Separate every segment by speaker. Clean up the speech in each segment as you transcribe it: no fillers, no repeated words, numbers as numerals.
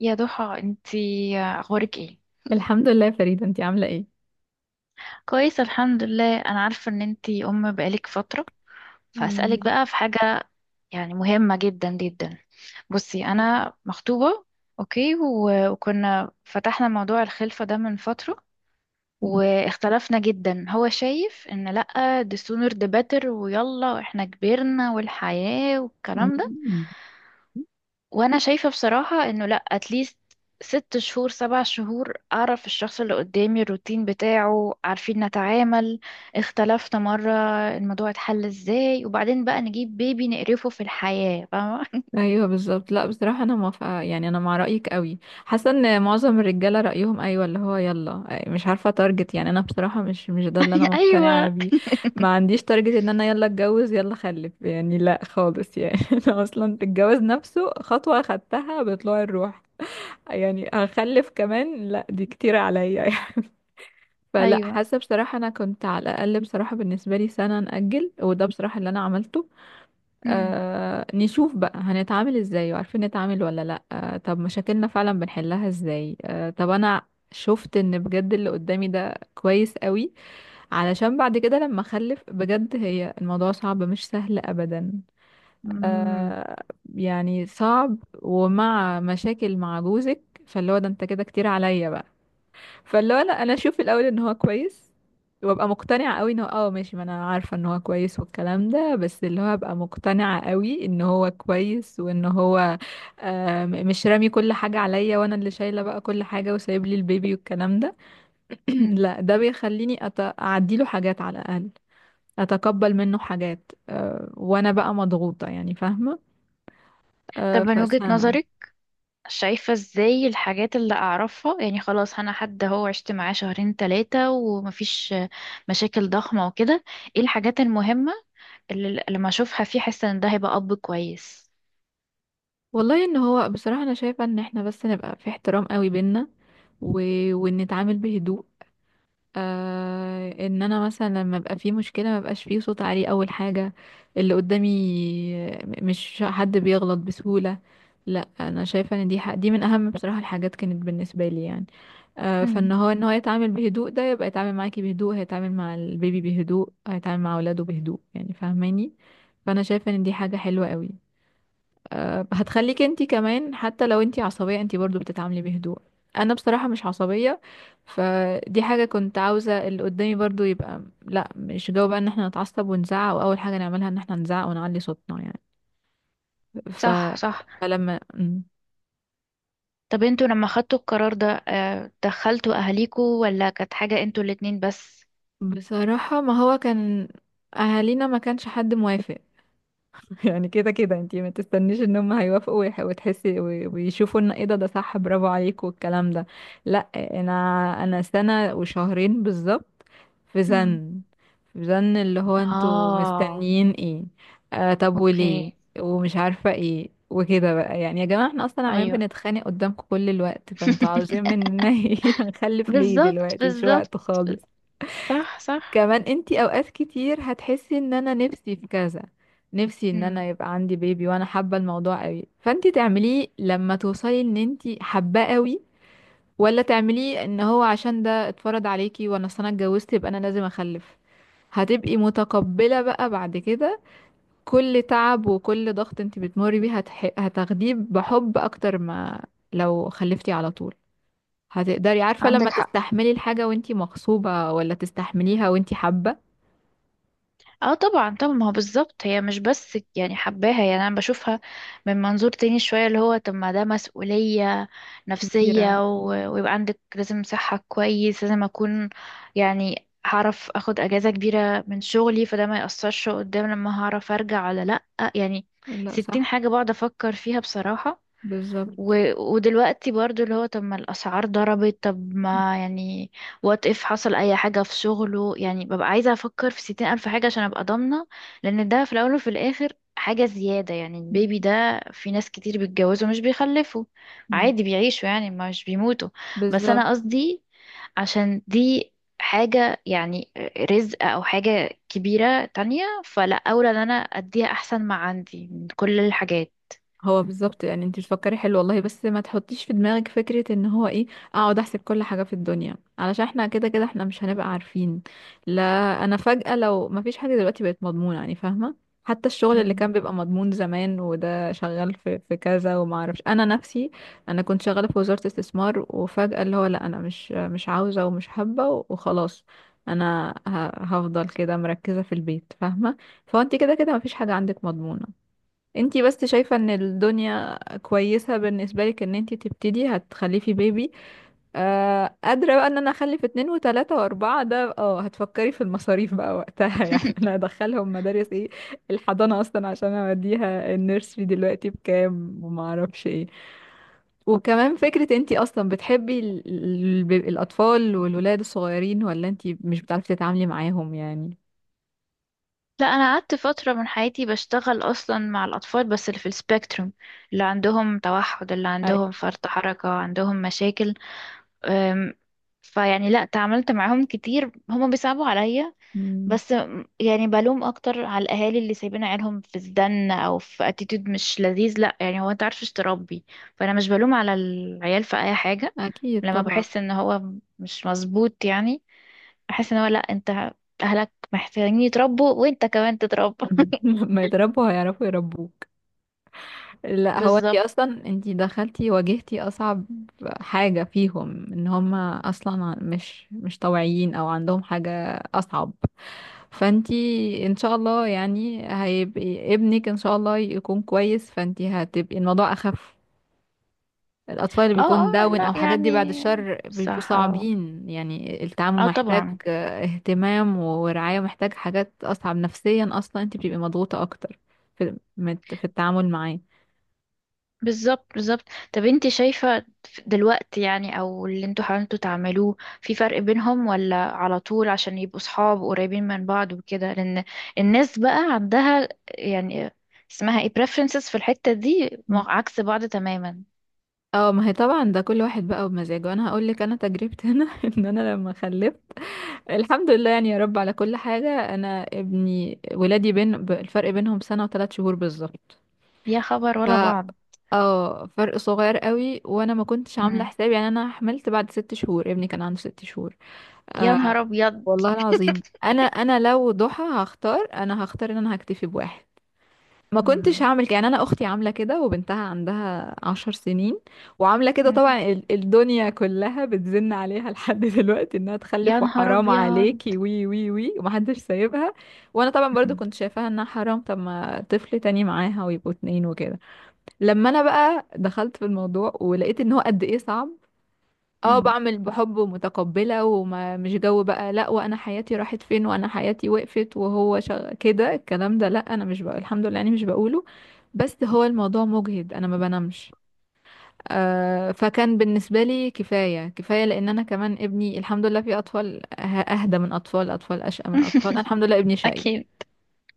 Speaker 1: يا ضحى انتي اخبارك ايه؟
Speaker 2: الحمد لله يا فريدة، انتي عاملة ايه؟
Speaker 1: كويس الحمد لله. انا عارفه ان انتي ام بقالك فتره، فاسالك بقى في حاجه يعني مهمه جدا جدا. بصي، انا مخطوبه، اوكي، و- وكنا فتحنا موضوع الخلفه ده من فتره واختلفنا جدا. هو شايف ان لأ، the sooner the better، ويلا احنا كبرنا والحياه والكلام ده.
Speaker 2: مم.
Speaker 1: وانا شايفة بصراحة انه لا، اتليست ست شهور سبع شهور اعرف الشخص اللي قدامي، الروتين بتاعه، عارفين نتعامل، اختلفنا مرة الموضوع اتحل ازاي، وبعدين بقى نجيب بيبي نقرفه في الحياة، فاهمة؟
Speaker 2: ايوه، بالظبط. لا، بصراحة انا موافقة، يعني انا مع رأيك قوي. حاسة ان معظم الرجالة رأيهم ايوه، اللي هو يلا، مش عارفة تارجت. يعني انا بصراحة مش ده اللي انا مقتنعة
Speaker 1: ايوه،
Speaker 2: بيه. ما عنديش تارجت ان انا يلا اتجوز يلا خلف، يعني لا خالص يعني. انا اصلا الجواز نفسه خطوة خدتها بطلوع الروح، يعني هخلف كمان؟ لا دي كتير عليا. فلا،
Speaker 1: ايوه.
Speaker 2: حاسه بصراحه انا كنت على الاقل بصراحه بالنسبه لي سنه ناجل، وده بصراحه اللي انا عملته.
Speaker 1: مم.
Speaker 2: نشوف بقى هنتعامل ازاي، وعارفين نتعامل ولا لا، طب مشاكلنا فعلا بنحلها ازاي، طب انا شفت ان بجد اللي قدامي ده كويس قوي، علشان بعد كده لما اخلف بجد هي الموضوع صعب، مش سهل ابدا.
Speaker 1: مم.
Speaker 2: آه، يعني صعب ومع مشاكل مع جوزك. فاللي هو ده انت كده كتير عليا بقى. فاللي هو انا اشوف الاول ان هو كويس، وابقى مقتنعه قوي ان هو اه ماشي، ما انا عارفه ان هو كويس والكلام ده، بس اللي هو ابقى مقتنعه قوي ان هو كويس، وان هو آه، مش رامي كل حاجه عليا وانا اللي شايله بقى كل حاجه وسايب لي البيبي والكلام ده.
Speaker 1: مم.
Speaker 2: لا ده بيخليني اعديله حاجات على الاقل، اتقبل منه حاجات. أه وانا بقى مضغوطه يعني، فاهمه؟
Speaker 1: طب
Speaker 2: أه،
Speaker 1: من وجهة
Speaker 2: فسنه.
Speaker 1: نظرك، شايفة ازاي الحاجات اللي اعرفها؟ يعني خلاص انا حد هو عشت معاه شهرين ثلاثة ومفيش مشاكل ضخمة وكده. ايه الحاجات المهمة اللي لما اشوفها فيه احس ان ده هيبقى اب كويس؟
Speaker 2: والله ان هو بصراحه انا شايفه ان احنا بس نبقى في احترام قوي بينا، و... ونتعامل بهدوء. آه، ان انا مثلا لما ابقى في مشكله ما بقاش فيه صوت عالي، اول حاجه اللي قدامي مش حد بيغلط بسهوله. لا انا شايفه ان دي حق دي من اهم بصراحه الحاجات كانت بالنسبه لي يعني. آه،
Speaker 1: امم.
Speaker 2: فان هو، ان هو يتعامل بهدوء، ده يبقى يتعامل معاكي بهدوء، هيتعامل مع البيبي بهدوء، هيتعامل مع اولاده بهدوء، يعني فاهماني؟ فانا شايفه ان دي حاجه حلوه قوي. آه، هتخليك انتي كمان حتى لو انتي عصبية انتي برضو بتتعاملي بهدوء. انا بصراحة مش عصبية. فدي حاجة كنت عاوزة اللي قدامي برضو يبقى، لا مش جو بقى ان احنا نتعصب ونزعق، واول حاجة نعملها ان احنا نزعق ونعلي صوتنا يعني. ف...
Speaker 1: صح، صح.
Speaker 2: فلما مم.
Speaker 1: طب انتوا لما خدتوا القرار ده، آه، دخلتوا اهاليكوا، ولا كانت حاجة انتوا الاتنين بس؟
Speaker 2: بصراحة ما هو كان اهالينا ما كانش حد موافق. يعني كده كده انتي ما تستنيش ان هم هيوافقوا وتحسي ويشوفوا ان ايه ده، ده صح برافو عليك والكلام ده. لا انا، انا سنة وشهرين بالظبط في
Speaker 1: امم.
Speaker 2: زن، في زن اللي هو انتوا
Speaker 1: اه.
Speaker 2: مستنيين ايه؟ آه طب وليه؟
Speaker 1: اوكي.
Speaker 2: ومش عارفة ايه وكده بقى، يعني يا جماعة احنا اصلا عمالين
Speaker 1: ايوه.
Speaker 2: بنتخانق قدامكم كل الوقت، فانتوا عاوزين مننا ايه؟ هنخلف ليه
Speaker 1: بالظبط،
Speaker 2: دلوقتي؟ مش
Speaker 1: بالظبط.
Speaker 2: وقت خالص.
Speaker 1: صح، صح.
Speaker 2: كمان انتي اوقات كتير هتحسي ان انا نفسي في كذا، نفسي ان
Speaker 1: امم.
Speaker 2: انا يبقى عندي بيبي وانا حابة الموضوع قوي، فانتي تعمليه لما توصلي ان انتي حباه قوي، ولا تعمليه ان هو عشان ده اتفرض عليكي، وانا أصل انا اتجوزت يبقى انا لازم اخلف. هتبقي متقبلة بقى بعد كده كل تعب وكل ضغط انتي بتمري بيه، هتاخديه بحب اكتر ما لو خلفتي على طول. هتقدري، عارفة، لما
Speaker 1: عندك حق.
Speaker 2: تستحملي الحاجة وانتي مغصوبة، ولا تستحمليها وانتي حابة.
Speaker 1: اه طبعا، طبعا. ما هو بالظبط، هي مش بس يعني حباها، يعني انا بشوفها من منظور تاني شوية، اللي هو طب ما ده مسؤولية
Speaker 2: كبيرة.
Speaker 1: نفسية، و- ويبقى عندك لازم صحة كويس، لازم اكون يعني هعرف اخد اجازة كبيرة من شغلي، فده ما يأثرش قدام، لما هعرف ارجع ولا لأ يعني.
Speaker 2: لا
Speaker 1: ستين
Speaker 2: صح.
Speaker 1: حاجة بقعد افكر فيها بصراحة. و...
Speaker 2: بالظبط،
Speaker 1: ودلوقتي برضو اللي هو طب ما الأسعار ضربت، طب ما يعني وات اف حصل أي حاجة في شغله يعني، ببقى عايزة أفكر في ستين ألف حاجة عشان أبقى ضامنة. لأن ده في الأول وفي الآخر حاجة زيادة، يعني البيبي ده في ناس كتير بيتجوزوا مش بيخلفوا، عادي بيعيشوا يعني مش بيموتوا. بس
Speaker 2: بالظبط.
Speaker 1: أنا قصدي عشان دي حاجة يعني، رزق أو حاجة كبيرة تانية، فلا أولى إن أنا أديها أحسن ما عندي من كل الحاجات.
Speaker 2: هو بالظبط يعني انت بتفكري حلو والله، بس ما تحطيش في دماغك فكرة ان هو ايه، اقعد احسب كل حاجة في الدنيا، علشان احنا كده كده احنا مش هنبقى عارفين. لا انا فجأة، لو ما فيش حاجة دلوقتي بقت مضمونة يعني، فاهمة؟ حتى الشغل اللي
Speaker 1: مم.
Speaker 2: كان بيبقى مضمون زمان، وده شغال في كذا وما اعرفش، انا نفسي انا كنت شغالة في وزارة استثمار، وفجأة اللي هو لا انا مش عاوزة ومش حابة وخلاص. انا هفضل كده مركزة في البيت، فاهمة؟ فانت كده كده ما فيش حاجة عندك مضمونة. انتي بس شايفة ان الدنيا كويسة بالنسبة لك، ان انتي تبتدي هتخلفي بيبي. آه قادرة بقى ان انا اخلف اتنين وتلاتة واربعة، ده اه هتفكري في المصاريف بقى وقتها. يعني انا هدخلهم مدارس ايه؟ الحضانة اصلا عشان اوديها النيرسري دلوقتي بكام وما اعرفش ايه. وكمان فكرة انتي اصلا بتحبي الاطفال والولاد الصغيرين ولا انتي مش بتعرفي تتعاملي معاهم يعني؟
Speaker 1: لا، انا قعدت فتره من حياتي بشتغل اصلا مع الاطفال، بس اللي في السبيكتروم، اللي عندهم توحد، اللي
Speaker 2: أي.
Speaker 1: عندهم فرط حركه، عندهم مشاكل. أم، فيعني لا، تعاملت معاهم كتير، هما بيصعبوا عليا.
Speaker 2: مم،
Speaker 1: بس يعني بلوم اكتر على الاهالي اللي سايبين عيالهم في الزن او في اتيتيود مش لذيذ. لا يعني، هو انت عارفش تربي، فانا مش بلوم على العيال في اي حاجه.
Speaker 2: اكيد
Speaker 1: لما
Speaker 2: طبعا.
Speaker 1: بحس ان هو مش مظبوط يعني، احس ان هو لا، انت اهلك محتاجين يتربوا وانت كمان تتربى.
Speaker 2: لما يتربوا هيعرفوا يربوك. لا هو انتي
Speaker 1: بالظبط.
Speaker 2: اصلا انتي دخلتي واجهتي اصعب حاجة فيهم، ان هما اصلا مش طوعيين او عندهم حاجة اصعب. فانتي ان شاء الله يعني هيبقى ابنك ان شاء الله يكون كويس، فانتي هتبقي الموضوع اخف. الأطفال اللي
Speaker 1: اه،
Speaker 2: بيكون
Speaker 1: اه.
Speaker 2: داون
Speaker 1: لا
Speaker 2: أو حاجات دي بعد
Speaker 1: يعني،
Speaker 2: الشر بيبقوا
Speaker 1: صح، اه.
Speaker 2: صعبين، يعني التعامل
Speaker 1: اه
Speaker 2: محتاج
Speaker 1: طبعا.
Speaker 2: آه، اهتمام ورعاية، محتاج حاجات أصعب نفسيا، أصلا أنت بتبقي مضغوطة أكتر في التعامل معاه.
Speaker 1: بالظبط، بالظبط. طب انت شايفة دلوقتي يعني، او اللي انتوا حاولتوا تعملوه، في فرق بينهم ولا على طول عشان يبقوا صحاب قريبين من بعض وكده؟ لان الناس بقى عندها يعني اسمها ايه preferences في الحتة دي،
Speaker 2: مم.
Speaker 1: عكس بعض تماما.
Speaker 2: اه ما هي طبعا ده كل واحد بقى ومزاجه. انا هقول لك انا تجربتي هنا. ان انا لما خلفت، الحمد لله يعني يا رب على كل حاجه، انا ولادي بين الفرق بينهم سنه وثلاث شهور بالظبط.
Speaker 1: يا خبر،
Speaker 2: ف
Speaker 1: ولا بعض؟
Speaker 2: اه فرق صغير قوي، وانا ما كنتش عامله
Speaker 1: مم.
Speaker 2: حسابي، يعني انا حملت بعد 6 شهور، ابني كان عنده 6 شهور.
Speaker 1: يا
Speaker 2: آه
Speaker 1: نهار ابيض.
Speaker 2: والله العظيم انا، لو ضحى هختار، انا هختار ان انا هكتفي بواحد. ما كنتش
Speaker 1: مم.
Speaker 2: هعمل كده، يعني انا اختي عامله كده وبنتها عندها 10 سنين وعامله كده.
Speaker 1: مم.
Speaker 2: طبعا الدنيا كلها بتزن عليها لحد دلوقتي انها
Speaker 1: يا
Speaker 2: تخلف،
Speaker 1: نهار
Speaker 2: وحرام
Speaker 1: ابيض.
Speaker 2: عليكي وي وي وي ومحدش سايبها. وانا طبعا برضو
Speaker 1: مم.
Speaker 2: كنت شايفاها انها حرام، طب ما طفل تاني معاها ويبقوا اتنين وكده. لما انا بقى دخلت في الموضوع ولقيت ان هو قد ايه صعب. اه،
Speaker 1: مم.
Speaker 2: بعمل بحب ومتقبلة وما مش جو بقى لا وانا حياتي راحت فين، وانا حياتي وقفت، وهو كده الكلام ده، لا انا مش بقى، الحمد لله يعني، مش بقوله. بس هو الموضوع مجهد، انا ما بنامش. آه فكان بالنسبة لي كفاية. كفاية لان انا كمان ابني، الحمد لله، في اطفال اهدى من اطفال، اطفال اشقى من اطفال، أنا الحمد لله ابني شقي.
Speaker 1: اكيد.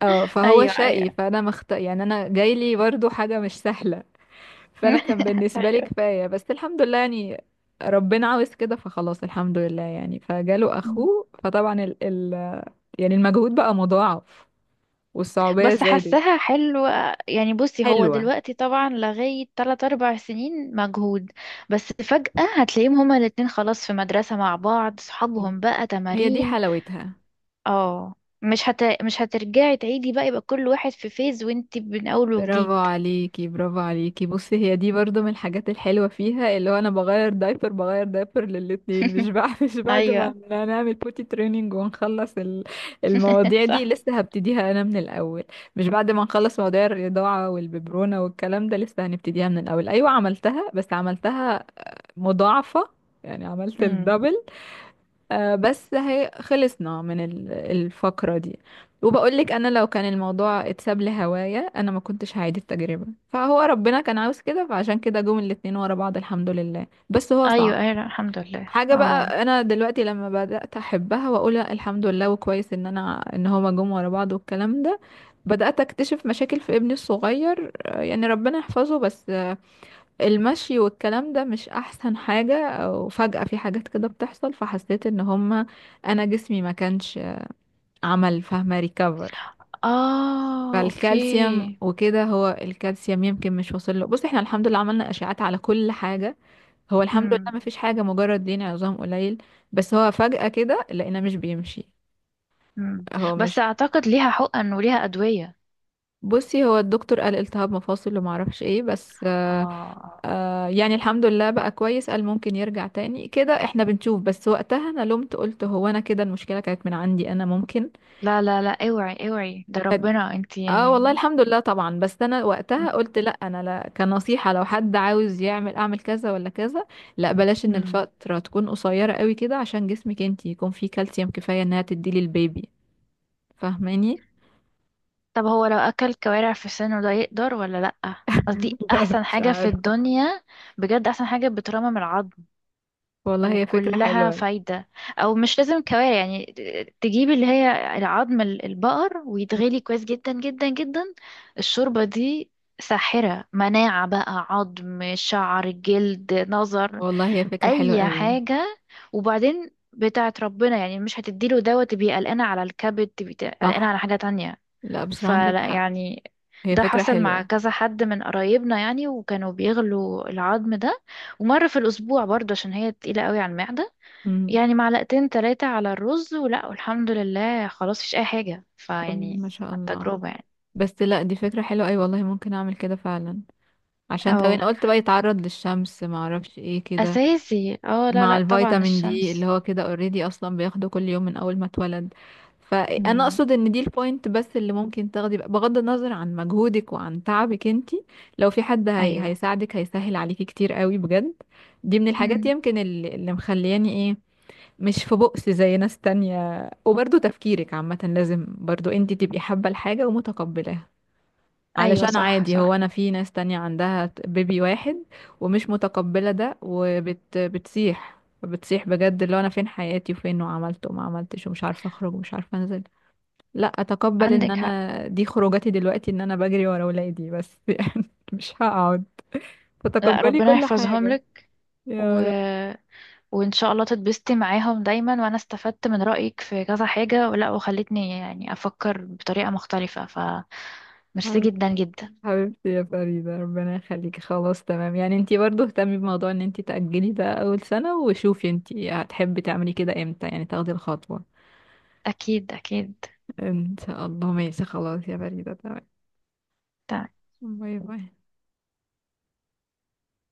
Speaker 2: اه فهو
Speaker 1: ايوه، ايوه.
Speaker 2: شقي، فانا يعني انا جايلي برضو حاجة مش سهلة. فانا كان بالنسبه لي
Speaker 1: ايوه.
Speaker 2: كفايه، بس الحمد لله يعني ربنا عاوز كده فخلاص، الحمد لله يعني فجاله
Speaker 1: مم.
Speaker 2: اخوه. فطبعا ال ال يعني المجهود بقى مضاعف والصعوبيه
Speaker 1: بس
Speaker 2: زادت.
Speaker 1: حاساها حلوة يعني. بصي، هو
Speaker 2: حلوة.
Speaker 1: دلوقتي طبعا لغاية 3 أربع سنين مجهود، بس فجأة هتلاقيهم هما الاتنين خلاص في مدرسة مع بعض، صحابهم
Speaker 2: مم.
Speaker 1: بقى،
Speaker 2: هي دي
Speaker 1: تمارين.
Speaker 2: حلاوتها.
Speaker 1: اه، مش هترجعي تعيدي بقى، يبقى كل واحد في فيز وانتي من أول
Speaker 2: برافو
Speaker 1: وجديد.
Speaker 2: عليكي، برافو عليكي. بصي هي دي برضو من الحاجات الحلوة فيها، اللي هو انا بغير دايبر بغير دايبر للاتنين، مش بعد مش بعد ما
Speaker 1: ايوه.
Speaker 2: نعمل بوتي تريننج ونخلص المواضيع دي
Speaker 1: صح.
Speaker 2: لسه هبتديها انا من الاول. مش بعد ما نخلص مواضيع الرضاعة والببرونة والكلام ده لسه هنبتديها من الاول. ايوه عملتها، بس عملتها مضاعفة، يعني عملت
Speaker 1: امم.
Speaker 2: الدبل. آه، بس هي خلصنا من الفقرة دي. وبقولك أنا لو كان الموضوع اتساب لهوايا أنا ما كنتش هعيد التجربة. فهو ربنا كان عاوز كده فعشان كده جم الاتنين ورا بعض، الحمد لله، بس هو صعب
Speaker 1: ايوه، ايوه. لا، الحمد لله،
Speaker 2: حاجة.
Speaker 1: اه.
Speaker 2: بقى أنا دلوقتي لما بدأت أحبها وأقول لأ الحمد لله وكويس إن أنا إن هما جم ورا بعض والكلام ده، بدأت أكتشف مشاكل في ابني الصغير. آه، يعني ربنا يحفظه بس المشي والكلام ده مش احسن حاجة، وفجأة في حاجات كده بتحصل، فحسيت ان هما، انا جسمي ما كانش عمل، فاهمة، ريكفر.
Speaker 1: اه. اوكي.
Speaker 2: فالكالسيوم وكده، هو الكالسيوم يمكن مش واصل له. بص احنا الحمد لله عملنا اشعاعات على كل حاجة، هو الحمد
Speaker 1: امم.
Speaker 2: لله ما فيش حاجة، مجرد دين عظام قليل. بس هو فجأة كده لقينا مش بيمشي،
Speaker 1: امم.
Speaker 2: هو
Speaker 1: بس
Speaker 2: مش.
Speaker 1: اعتقد ليها حقن وليها ادويه.
Speaker 2: بصي هو الدكتور قال التهاب مفاصل وما اعرفش ايه، بس آه
Speaker 1: اه
Speaker 2: يعني الحمد لله بقى كويس، قال ممكن يرجع تاني كده احنا بنشوف. بس وقتها انا لومت، قلت هو انا كده المشكلة كانت من عندي، انا ممكن.
Speaker 1: لا لا لا، اوعي اوعي، ده ربنا، انتي
Speaker 2: اه والله
Speaker 1: يعني.
Speaker 2: الحمد لله طبعا، بس انا وقتها قلت، لا انا لا، كنصيحة لو حد عاوز يعمل، اعمل كذا ولا كذا، لا بلاش، ان
Speaker 1: مم.
Speaker 2: الفترة تكون قصيرة قوي كده عشان جسمك انتي يكون فيه كالسيوم كفاية انها تديلي البيبي، فاهماني؟
Speaker 1: طب هو لو اكل كوارع في سنه ده يقدر ولا لأ؟ قصدي
Speaker 2: لا
Speaker 1: احسن
Speaker 2: مش
Speaker 1: حاجة في
Speaker 2: عارفة.
Speaker 1: الدنيا، بجد احسن حاجة بترمم العظم،
Speaker 2: والله هي فكرة
Speaker 1: وكلها
Speaker 2: حلوة.
Speaker 1: فايدة. او مش لازم كوارع، يعني تجيب اللي هي العظم البقر
Speaker 2: مم.
Speaker 1: ويتغلي كويس جدا جدا جدا. الشوربة دي ساحرة، مناعة بقى، عظم، شعر، جلد، نظر.
Speaker 2: والله هي فكرة حلوة
Speaker 1: اي
Speaker 2: قوي.
Speaker 1: حاجه. وبعدين بتاعت ربنا، يعني مش هتديله دوت تبقى قلقانه على الكبد، تبقى قلقانه
Speaker 2: صح.
Speaker 1: على حاجه تانية،
Speaker 2: لا بصراحة عندك
Speaker 1: فلا
Speaker 2: حق،
Speaker 1: يعني.
Speaker 2: هي
Speaker 1: ده
Speaker 2: فكرة
Speaker 1: حصل مع
Speaker 2: حلوة.
Speaker 1: كذا حد من قرايبنا يعني، وكانوا بيغلوا العظم ده ومره في الاسبوع برضه، عشان هي تقيله قوي على المعده.
Speaker 2: مم.
Speaker 1: يعني معلقتين ثلاثه على الرز ولا، والحمد لله خلاص مفيش اي حاجه،
Speaker 2: طب
Speaker 1: فيعني
Speaker 2: ما شاء
Speaker 1: على
Speaker 2: الله.
Speaker 1: التجربه يعني.
Speaker 2: بس لا دي فكرة حلوة، أي والله ممكن أعمل كده فعلا. عشان طب
Speaker 1: اه
Speaker 2: أنا قلت بقى يتعرض للشمس ما أعرفش إيه كده،
Speaker 1: اساسي، اه. لا
Speaker 2: مع
Speaker 1: لا، طبعا
Speaker 2: الفيتامين دي
Speaker 1: الشمس.
Speaker 2: اللي هو كده اوريدي أصلا بياخده كل يوم من أول ما اتولد. فأنا
Speaker 1: امم.
Speaker 2: أقصد إن دي البوينت بس اللي ممكن تاخدي بقى، بغض النظر عن مجهودك وعن تعبك انتي. لو في حد
Speaker 1: ايوه.
Speaker 2: هيساعدك هيسهل عليكي كتير قوي بجد. دي من الحاجات
Speaker 1: امم.
Speaker 2: يمكن اللي مخلياني إيه، مش في بؤس زي ناس تانية. وبرضه تفكيرك عامة لازم برضه انتي تبقي حابة الحاجة ومتقبلاها،
Speaker 1: ايوه،
Speaker 2: علشان
Speaker 1: صح،
Speaker 2: عادي هو
Speaker 1: صح.
Speaker 2: انا في ناس تانية عندها بيبي واحد ومش متقبلة ده، بتسيح بتسيح بجد، اللي هو انا فين حياتي وفين وعملت وما عملتش ومش عارفة اخرج ومش عارفة انزل. لا اتقبل ان
Speaker 1: عندك حق.
Speaker 2: انا دي خروجاتي دلوقتي، ان انا بجري ورا ولادي بس. يعني مش هقعد،
Speaker 1: لا،
Speaker 2: فتقبلي
Speaker 1: ربنا
Speaker 2: كل
Speaker 1: يحفظهم
Speaker 2: حاجة.
Speaker 1: لك. و...
Speaker 2: يا
Speaker 1: وان شاء الله تتبسطي معاهم دايما. وانا استفدت من رأيك في كذا حاجة، ولا وخلتني يعني افكر بطريقة مختلفة، ف ميرسي
Speaker 2: رب.
Speaker 1: جدا جدا.
Speaker 2: حبيبتي يا فريدة، ربنا يخليكي. خلاص تمام، يعني انتي برضو اهتمي بموضوع ان انتي تأجلي ده اول سنة، وشوفي انتي هتحبي تعملي كده امتى، يعني تاخدي الخطوة.
Speaker 1: اكيد، اكيد.
Speaker 2: ان شاء الله، ماشي خلاص يا فريدة، تمام. باي باي.